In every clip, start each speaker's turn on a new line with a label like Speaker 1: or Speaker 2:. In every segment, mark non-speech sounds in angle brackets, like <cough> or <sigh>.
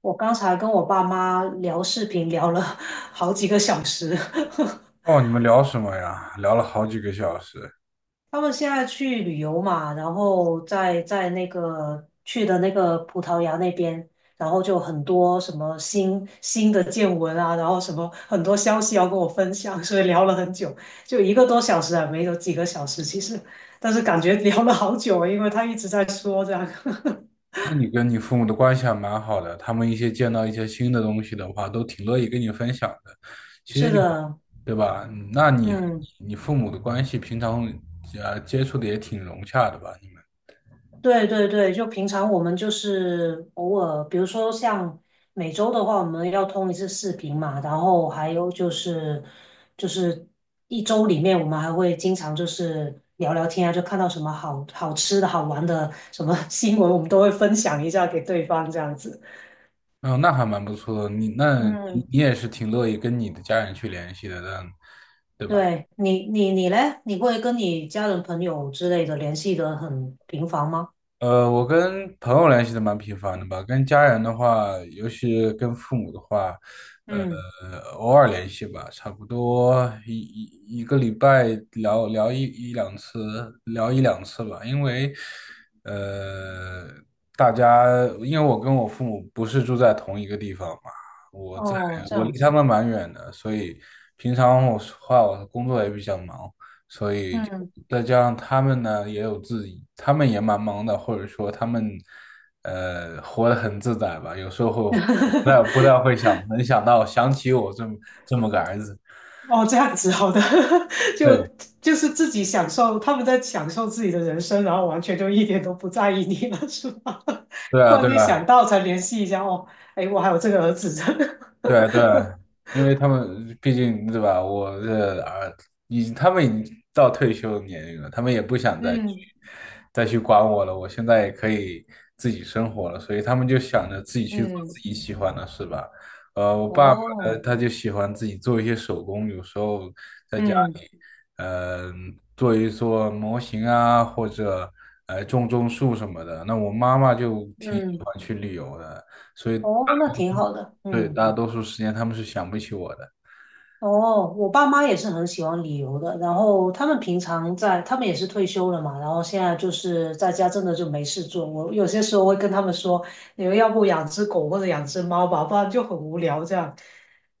Speaker 1: 我刚才跟我爸妈聊视频，聊了 <laughs> 好几个小时。<laughs>
Speaker 2: 哦，你们聊什么呀？聊了好几个小时。
Speaker 1: 他们现在去旅游嘛，然后在那个去的那个葡萄牙那边，然后就很多什么新的见闻啊，然后什么很多消息要跟我分享，所以聊了很久，就一个多小时啊，没有几个小时其实，但是感觉聊了好久，因为他一直在说这样。<laughs>
Speaker 2: 那你跟你父母的关系还蛮好的，他们一些见到一些新的东西的话，都挺乐意跟你分享的。其
Speaker 1: 是
Speaker 2: 实有，
Speaker 1: 的。
Speaker 2: 对吧？嗯，那你和
Speaker 1: 嗯。
Speaker 2: 你父母的关系平常接触的也挺融洽的吧？你们，
Speaker 1: 对对对，就平常我们就是偶尔，比如说像每周的话，我们要通一次视频嘛，然后还有就是一周里面，我们还会经常就是聊聊天啊，就看到什么好好吃的好玩的什么 <laughs> 新闻，我们都会分享一下给对方这样子。
Speaker 2: 嗯、那还蛮不错的。你那你
Speaker 1: 嗯。
Speaker 2: 你也是挺乐意跟你的家人去联系的，但
Speaker 1: 对你你嘞，你会跟你家人朋友之类的联系的很频繁吗？
Speaker 2: 我跟朋友联系的蛮频繁的吧，跟家人的话，尤其跟父母的话，呃，
Speaker 1: 嗯。
Speaker 2: 偶尔联系吧，差不多一个礼拜聊聊一两次，聊一两次吧，因为，呃，大家因为我跟我父母不是住在同一个地方嘛，我在
Speaker 1: 哦，这
Speaker 2: 我
Speaker 1: 样
Speaker 2: 离他
Speaker 1: 子。
Speaker 2: 们蛮远的，所以平常我说话我工作也比较忙。所以就
Speaker 1: 嗯。
Speaker 2: 再加上他们呢，也有自己，他们也蛮忙的，或者说他们活得很自在吧。有时候那不太
Speaker 1: <laughs>
Speaker 2: 会想，能想起我这么个儿子。
Speaker 1: 哦，这样子好的。<laughs> 就
Speaker 2: 对，
Speaker 1: 就是自己享受，他们在享受自己的人生，然后完全就一点都不在意你了，是吧？
Speaker 2: 对
Speaker 1: <laughs>
Speaker 2: 啊，
Speaker 1: 突然
Speaker 2: 对
Speaker 1: 间
Speaker 2: 啊，
Speaker 1: 想到才联系一下，哦，哎，我还有这个儿子。
Speaker 2: 对对，因为他们毕竟对吧，我的儿，他们已经到退休年龄了，他们也不
Speaker 1: <laughs>
Speaker 2: 想再去
Speaker 1: 嗯
Speaker 2: 再去管我了。我现在也可以自己生活了，所以他们就想着自己去做
Speaker 1: 嗯。
Speaker 2: 自己喜欢的事吧。我爸爸呢，
Speaker 1: 哦。
Speaker 2: 他就喜欢自己做一些手工，有时候在家里，
Speaker 1: 嗯
Speaker 2: 呃，做一做模型啊，或者种种树什么的。那我妈妈就挺喜
Speaker 1: 嗯。嗯。
Speaker 2: 欢去旅游的。所以。
Speaker 1: 哦，那挺好的。
Speaker 2: 对，
Speaker 1: 嗯。
Speaker 2: 大多数时间他们是想不起我的。
Speaker 1: 哦，我爸妈也是很喜欢旅游的，然后他们平常在，他们也是退休了嘛，然后现在就是在家真的就没事做。我有些时候会跟他们说，你们要不养只狗或者养只猫吧，不然就很无聊这样。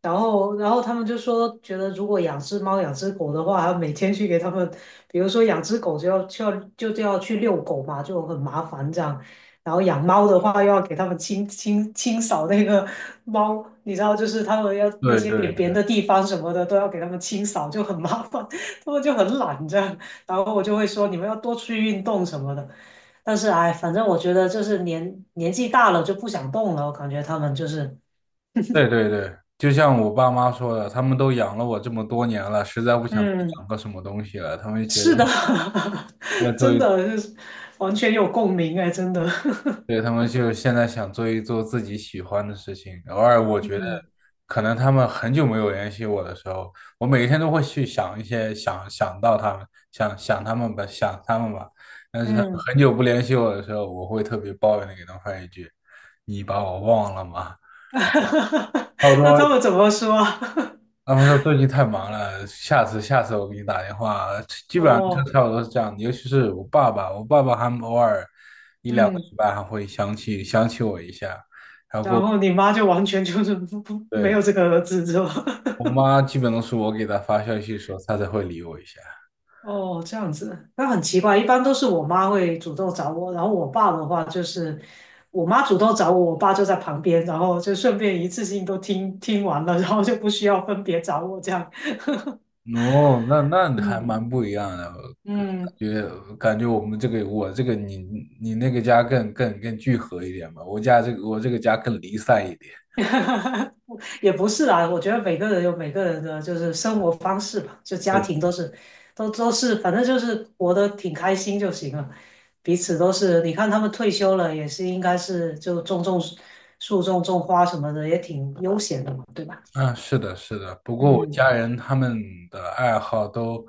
Speaker 1: 然后他们就说，觉得如果养只猫、养只狗的话，每天去给他们，比如说养只狗就要去遛狗嘛，就很麻烦这样。然后养猫的话，又要给它们清扫那个猫，你知道，就是它们要那
Speaker 2: 对
Speaker 1: 些
Speaker 2: 对
Speaker 1: 便便的地方什么的，都要给它们清扫，就很麻烦，<laughs> 它们就很懒这样。然后我就会说，你们要多出去运动什么的。但是哎，反正我觉得就是年纪大了就不想动了，我感觉他们就是，
Speaker 2: 对对对，就像我爸妈说的，他们都养了我这么多年了，实在不想再
Speaker 1: 嗯。
Speaker 2: 养个什么东西了，他们就觉得
Speaker 1: 是的。
Speaker 2: 要
Speaker 1: <laughs>
Speaker 2: 做
Speaker 1: 真
Speaker 2: 一，
Speaker 1: 的就是完全有共鸣哎，真的。
Speaker 2: 对，他们就现在想做一做自己喜欢的事情。偶尔我
Speaker 1: <laughs>
Speaker 2: 觉得，
Speaker 1: 嗯
Speaker 2: 可能他们很久没有联系我的时候，我每天都会去想一些，想想到他们，想想他们吧，想他们吧。但是他们
Speaker 1: 嗯。
Speaker 2: 很久不联系我的时候，我会特别抱怨的给他们发一句："你把我忘了吗？"差不
Speaker 1: <laughs> 那他们
Speaker 2: 多
Speaker 1: 怎么说啊？ <laughs>
Speaker 2: 他们说最近太忙了，下次下次我给你打电话。基本上就
Speaker 1: 哦。
Speaker 2: 差不多是这样的，尤其是我爸爸，我爸爸还偶尔一两个
Speaker 1: 嗯。
Speaker 2: 礼拜还会想起我一下，然
Speaker 1: 然
Speaker 2: 后，
Speaker 1: 后你妈就完全就是不没有
Speaker 2: 对，
Speaker 1: 这个儿子是吧？<laughs>
Speaker 2: 我妈基本都是我给她发消息的时候，她才会理我一下。
Speaker 1: 哦，这样子，那很奇怪，一般都是我妈会主动找我，然后我爸的话就是我妈主动找我，我爸就在旁边，然后就顺便一次性都听听完了，然后就不需要分别找我这样。<laughs>
Speaker 2: 哦，那还
Speaker 1: 嗯
Speaker 2: 蛮不一样的，感
Speaker 1: 嗯。
Speaker 2: 觉感觉我们这个我这个你那个家更聚合一点吧，我这个家更离散一点。
Speaker 1: <laughs> 哈哈，也不是啦，我觉得每个人有每个人的就是生活方式吧，就家庭都是，都是，反正就是活得挺开心就行了，彼此都是。你看他们退休了，也是应该是就种种树、种种花什么的，也挺悠闲的嘛，对吧？
Speaker 2: 嗯，是的，是的。不过我
Speaker 1: 嗯。
Speaker 2: 家人他们的爱好都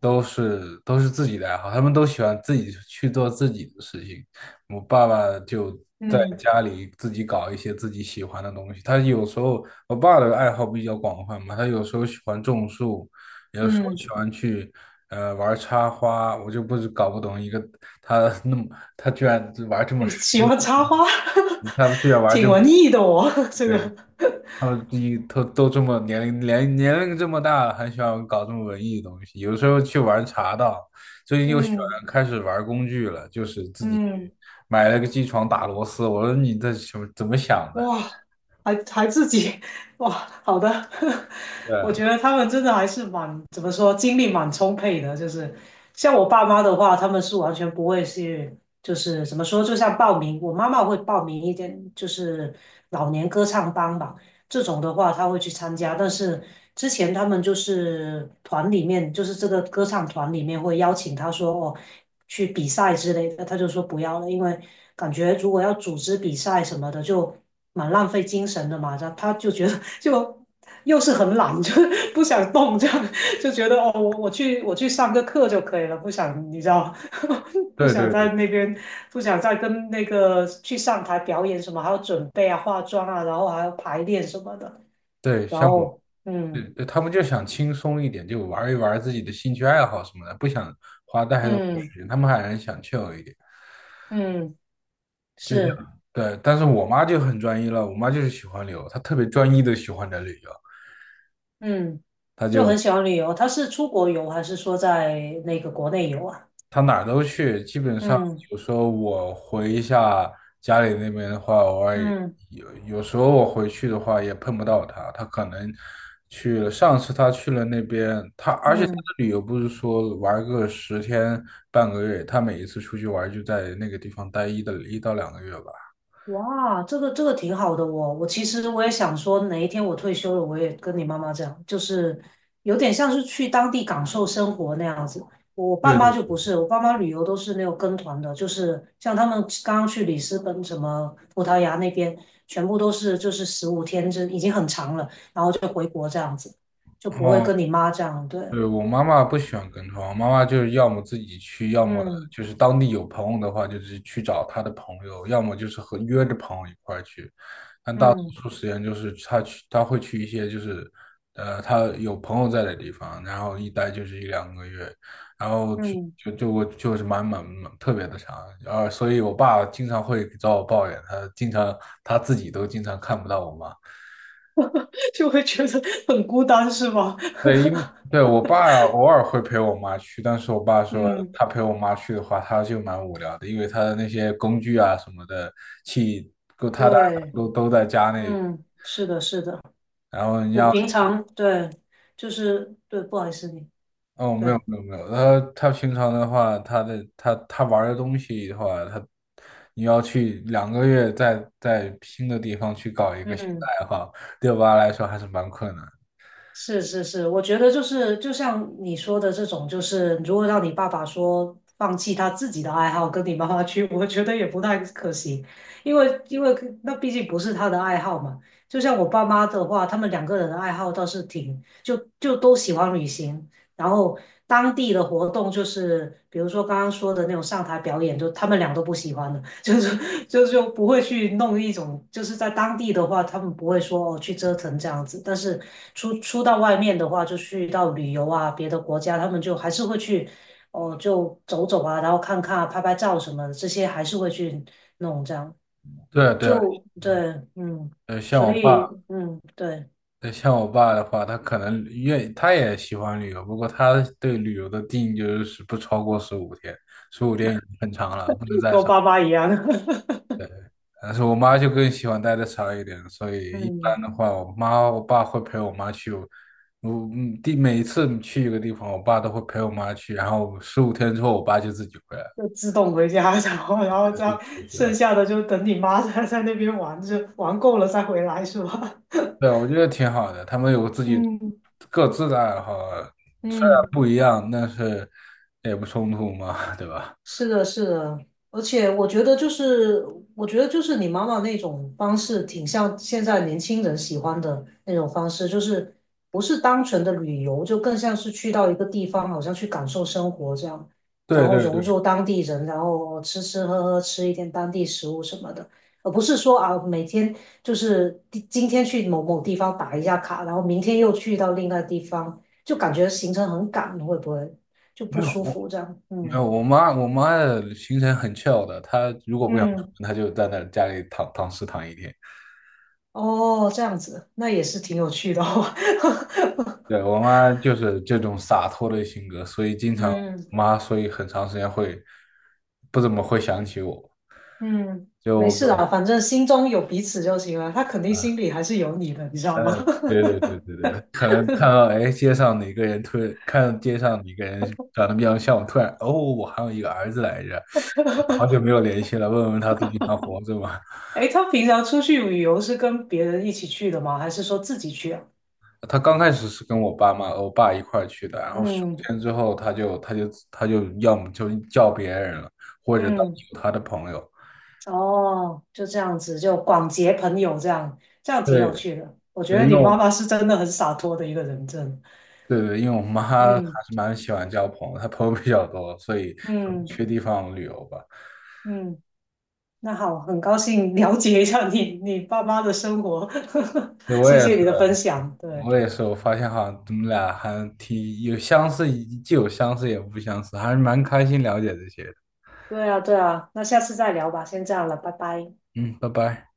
Speaker 2: 都是都是自己的爱好，他们都喜欢自己去做自己的事情。我爸爸就在
Speaker 1: 嗯。
Speaker 2: 家里自己搞一些自己喜欢的东西。他有时候，我爸的爱好比较广泛嘛，他有时候喜欢种树，有时候
Speaker 1: 嗯。
Speaker 2: 喜欢去玩插花。我就不是搞不懂一个他 <laughs> 那么他居然玩这么
Speaker 1: 诶
Speaker 2: 深，
Speaker 1: 喜欢插花，
Speaker 2: 他居然
Speaker 1: <laughs>
Speaker 2: 玩这
Speaker 1: 挺
Speaker 2: 么
Speaker 1: 文艺的我 <laughs> 这
Speaker 2: 对。
Speaker 1: 个。
Speaker 2: 他们都这么年龄这么大了，还喜欢搞这么文艺的东西。有时候去玩茶道，最近又喜欢
Speaker 1: 嗯
Speaker 2: 开始玩工具了，就是自己
Speaker 1: 嗯。
Speaker 2: 去买了个机床打螺丝。我说你这什么怎么想的？
Speaker 1: 哇，还还自己，哇，好的。<laughs> 我觉得他们真的还是蛮，怎么说，精力蛮充沛的。就是像我爸妈的话，他们是完全不会去，就是怎么说，就像报名，我妈妈会报名一点，就是老年歌唱班吧。这种的话他会去参加。但是之前他们就是团里面，就是这个歌唱团里面会邀请他说哦去比赛之类的，他就说不要了，因为感觉如果要组织比赛什么的，就蛮浪费精神的嘛。他就觉得 <laughs> 就又是很懒，就不想动这样。就觉得哦，我去上个课就可以了，不想你知道，<laughs> 不
Speaker 2: 对
Speaker 1: 想
Speaker 2: 对
Speaker 1: 在
Speaker 2: 对
Speaker 1: 那边，不想再跟那个去上台表演什么，还要准备啊、化妆啊，然后还要排练什么的，
Speaker 2: 对，
Speaker 1: 然后
Speaker 2: 对
Speaker 1: 嗯。
Speaker 2: 对，他们就想轻松一点，就玩一玩自己的兴趣爱好什么的，不想花太多
Speaker 1: 嗯。
Speaker 2: 时间。他们还是想 c h 一点，
Speaker 1: 嗯。
Speaker 2: 就是
Speaker 1: 是。
Speaker 2: 对。但是我妈就很专一了，我妈就是喜欢旅游，她特别专一的喜欢着旅游，
Speaker 1: 嗯。
Speaker 2: 她
Speaker 1: 就
Speaker 2: 就。
Speaker 1: 很喜欢旅游。他是出国游还是说在那个国内游啊？
Speaker 2: 他哪儿都去，基本上
Speaker 1: 嗯。
Speaker 2: 有时候我回一下家里那边的话，偶尔也
Speaker 1: 嗯。
Speaker 2: 有时候我回去的话也碰不到他，他可能去了。上次他去了那边，他而且他
Speaker 1: 嗯。
Speaker 2: 的旅游不是说玩个十天半个月，他每一次出去玩就在那个地方待一到两个月吧。
Speaker 1: 哇，这个挺好的哦。我其实我也想说，哪一天我退休了，我也跟你妈妈这样，就是有点像是去当地感受生活那样子。我爸
Speaker 2: 对
Speaker 1: 妈
Speaker 2: 对，
Speaker 1: 就不是，我爸妈旅游都是那种跟团的，就是像他们刚刚去里斯本、什么葡萄牙那边，全部都是就是十五天，这已经很长了，然后就回国这样子，就不会
Speaker 2: 哦，
Speaker 1: 跟你妈这样。对。
Speaker 2: 对，我妈妈不喜欢跟团，我妈妈就是要么自己去，要么
Speaker 1: 嗯。
Speaker 2: 就是当地有朋友的话，就是去找她的朋友，要么就是和约着朋友一块儿去。但大多
Speaker 1: 嗯。
Speaker 2: 数时间就是她去，她会去一些就是，她有朋友在的地方，然后一待就是一两个月，然后去
Speaker 1: 嗯。
Speaker 2: 就就我就是蛮特别的长，然后所以我爸经常会找我抱怨，他自己都经常看不到我妈。
Speaker 1: <laughs> 就会觉得很孤单，是吗？
Speaker 2: 对，因为，对，我爸偶尔会陪我妈去，但是我爸
Speaker 1: <laughs>
Speaker 2: 说
Speaker 1: 嗯，
Speaker 2: 他陪我妈去的话，他就蛮无聊的，因为他的那些工具啊什么的器都他大
Speaker 1: 对。
Speaker 2: 都在家那边，
Speaker 1: 嗯，是的，是的。
Speaker 2: 然后你
Speaker 1: 我
Speaker 2: 要
Speaker 1: 平常对，就是对，不好意思你，
Speaker 2: 哦，没有
Speaker 1: 对。
Speaker 2: 没有没有，他平常的话，他玩的东西的话，你要去两个月在新的地方去搞一个新的
Speaker 1: 嗯，
Speaker 2: 爱好，对我爸来说还是蛮困难的。
Speaker 1: 是是是，我觉得就是就像你说的这种，就是如果让你爸爸说放弃他自己的爱好跟你妈妈去，<laughs> 我觉得也不太可行，因为那毕竟不是他的爱好嘛。就像我爸妈的话，他们两个人的爱好倒是挺，就就都喜欢旅行，然后当地的活动就是，比如说刚刚说的那种上台表演，就他们俩都不喜欢的。就是就不会去弄一种，就是在当地的话，他们不会说哦去折腾这样子，但是出到外面的话，就去到旅游啊，别的国家，他们就还是会去哦就走走啊，然后看看啊拍拍照什么的，这些还是会去弄这样。
Speaker 2: 对对，
Speaker 1: 就对。嗯。
Speaker 2: 像
Speaker 1: 所
Speaker 2: 我
Speaker 1: 以
Speaker 2: 爸。
Speaker 1: 嗯。对，
Speaker 2: 对，像我爸的话，他可能他也喜欢旅游，不过他对旅游的定义就是不超过十五天，十五天已经很长了，不能再
Speaker 1: 跟我
Speaker 2: 长。
Speaker 1: 爸妈一样。
Speaker 2: 但是我妈就更喜欢待的长一点，所
Speaker 1: <laughs>
Speaker 2: 以一般
Speaker 1: 嗯，
Speaker 2: 的话，我爸会陪我妈去，我每一次去一个地方，我爸都会陪我妈去，然后十五天之后，我爸就自己回来了。
Speaker 1: 就自动回家，<laughs> 然后这样剩下的就等你妈在 <laughs> 在那边玩，就玩够了再回来是吧？<laughs>
Speaker 2: 对，我觉得挺好的，他们有自己
Speaker 1: 嗯
Speaker 2: 各自的爱好，虽然
Speaker 1: 嗯，
Speaker 2: 不一样，但是也不冲突嘛，对吧？
Speaker 1: 是的，是的。而且我觉得就是，我觉得就是你妈妈那种方式，挺像现在年轻人喜欢的那种方式，就是不是单纯的旅游，就更像是去到一个地方，好像去感受生活这样，
Speaker 2: <laughs>
Speaker 1: 然
Speaker 2: 对
Speaker 1: 后
Speaker 2: 对
Speaker 1: 融入
Speaker 2: 对。
Speaker 1: 当地人，然后吃吃喝喝，吃一点当地食物什么的，而不是说啊每天就是今天去某某地方打一下卡，然后明天又去到另外地方，就感觉行程很赶，会不会就
Speaker 2: 没
Speaker 1: 不
Speaker 2: 有，
Speaker 1: 舒
Speaker 2: 我
Speaker 1: 服这样？
Speaker 2: 没
Speaker 1: 嗯。
Speaker 2: 有，我妈的行程很 c 的，她如果不想出
Speaker 1: 嗯。
Speaker 2: 门，她就在那家里躺尸躺一天。
Speaker 1: 哦，这样子，那也是挺有趣的哦。<laughs>
Speaker 2: 对，我妈就是这种洒脱的性格，所以经常我
Speaker 1: 嗯
Speaker 2: 妈，所以很长时间会不怎么会想起我。
Speaker 1: 嗯，
Speaker 2: 就
Speaker 1: 没
Speaker 2: 我
Speaker 1: 事
Speaker 2: 跟我
Speaker 1: 啦，反正心中有彼此就行了。他肯定心
Speaker 2: 啊，
Speaker 1: 里还是有你的，你知道
Speaker 2: 呃，
Speaker 1: 吗？<laughs>
Speaker 2: 对对对对对，可能看到哎街上哪个人突然看到街上哪个人长得比较像我，突然哦，我还有一个儿子来着，好久没有联系了，问问他最近还活着吗？
Speaker 1: 诶，他平常出去旅游是跟别人一起去的吗？还是说自己去啊？
Speaker 2: 他刚开始是跟我爸妈、我爸一块儿去的，然后十
Speaker 1: 嗯。
Speaker 2: 天之后他就要么就叫别人了，或者当地
Speaker 1: 嗯。
Speaker 2: 有他的朋友。
Speaker 1: 哦，就这样子，就广结朋友，这样挺
Speaker 2: 对
Speaker 1: 有趣的。我觉得
Speaker 2: 对，因
Speaker 1: 你
Speaker 2: 为
Speaker 1: 妈
Speaker 2: 我
Speaker 1: 妈是真的很洒脱的一个人，真的。
Speaker 2: 对对，因为我妈还
Speaker 1: 嗯。
Speaker 2: 是蛮喜欢交朋友，她朋友比较多，所以
Speaker 1: 嗯。
Speaker 2: 去地方旅游吧。
Speaker 1: 嗯。那好，很高兴了解一下你 <laughs> 你爸妈的生活，
Speaker 2: 对，
Speaker 1: <laughs>
Speaker 2: 我
Speaker 1: 谢
Speaker 2: 也
Speaker 1: 谢
Speaker 2: 是，
Speaker 1: 你的分享。对，
Speaker 2: 我也是，我发现好像我们俩还挺有相似，既有相似也不相似，还是蛮开心了解这些的。
Speaker 1: 对啊，对啊，那下次再聊吧，先这样了，拜拜。
Speaker 2: 嗯，拜拜。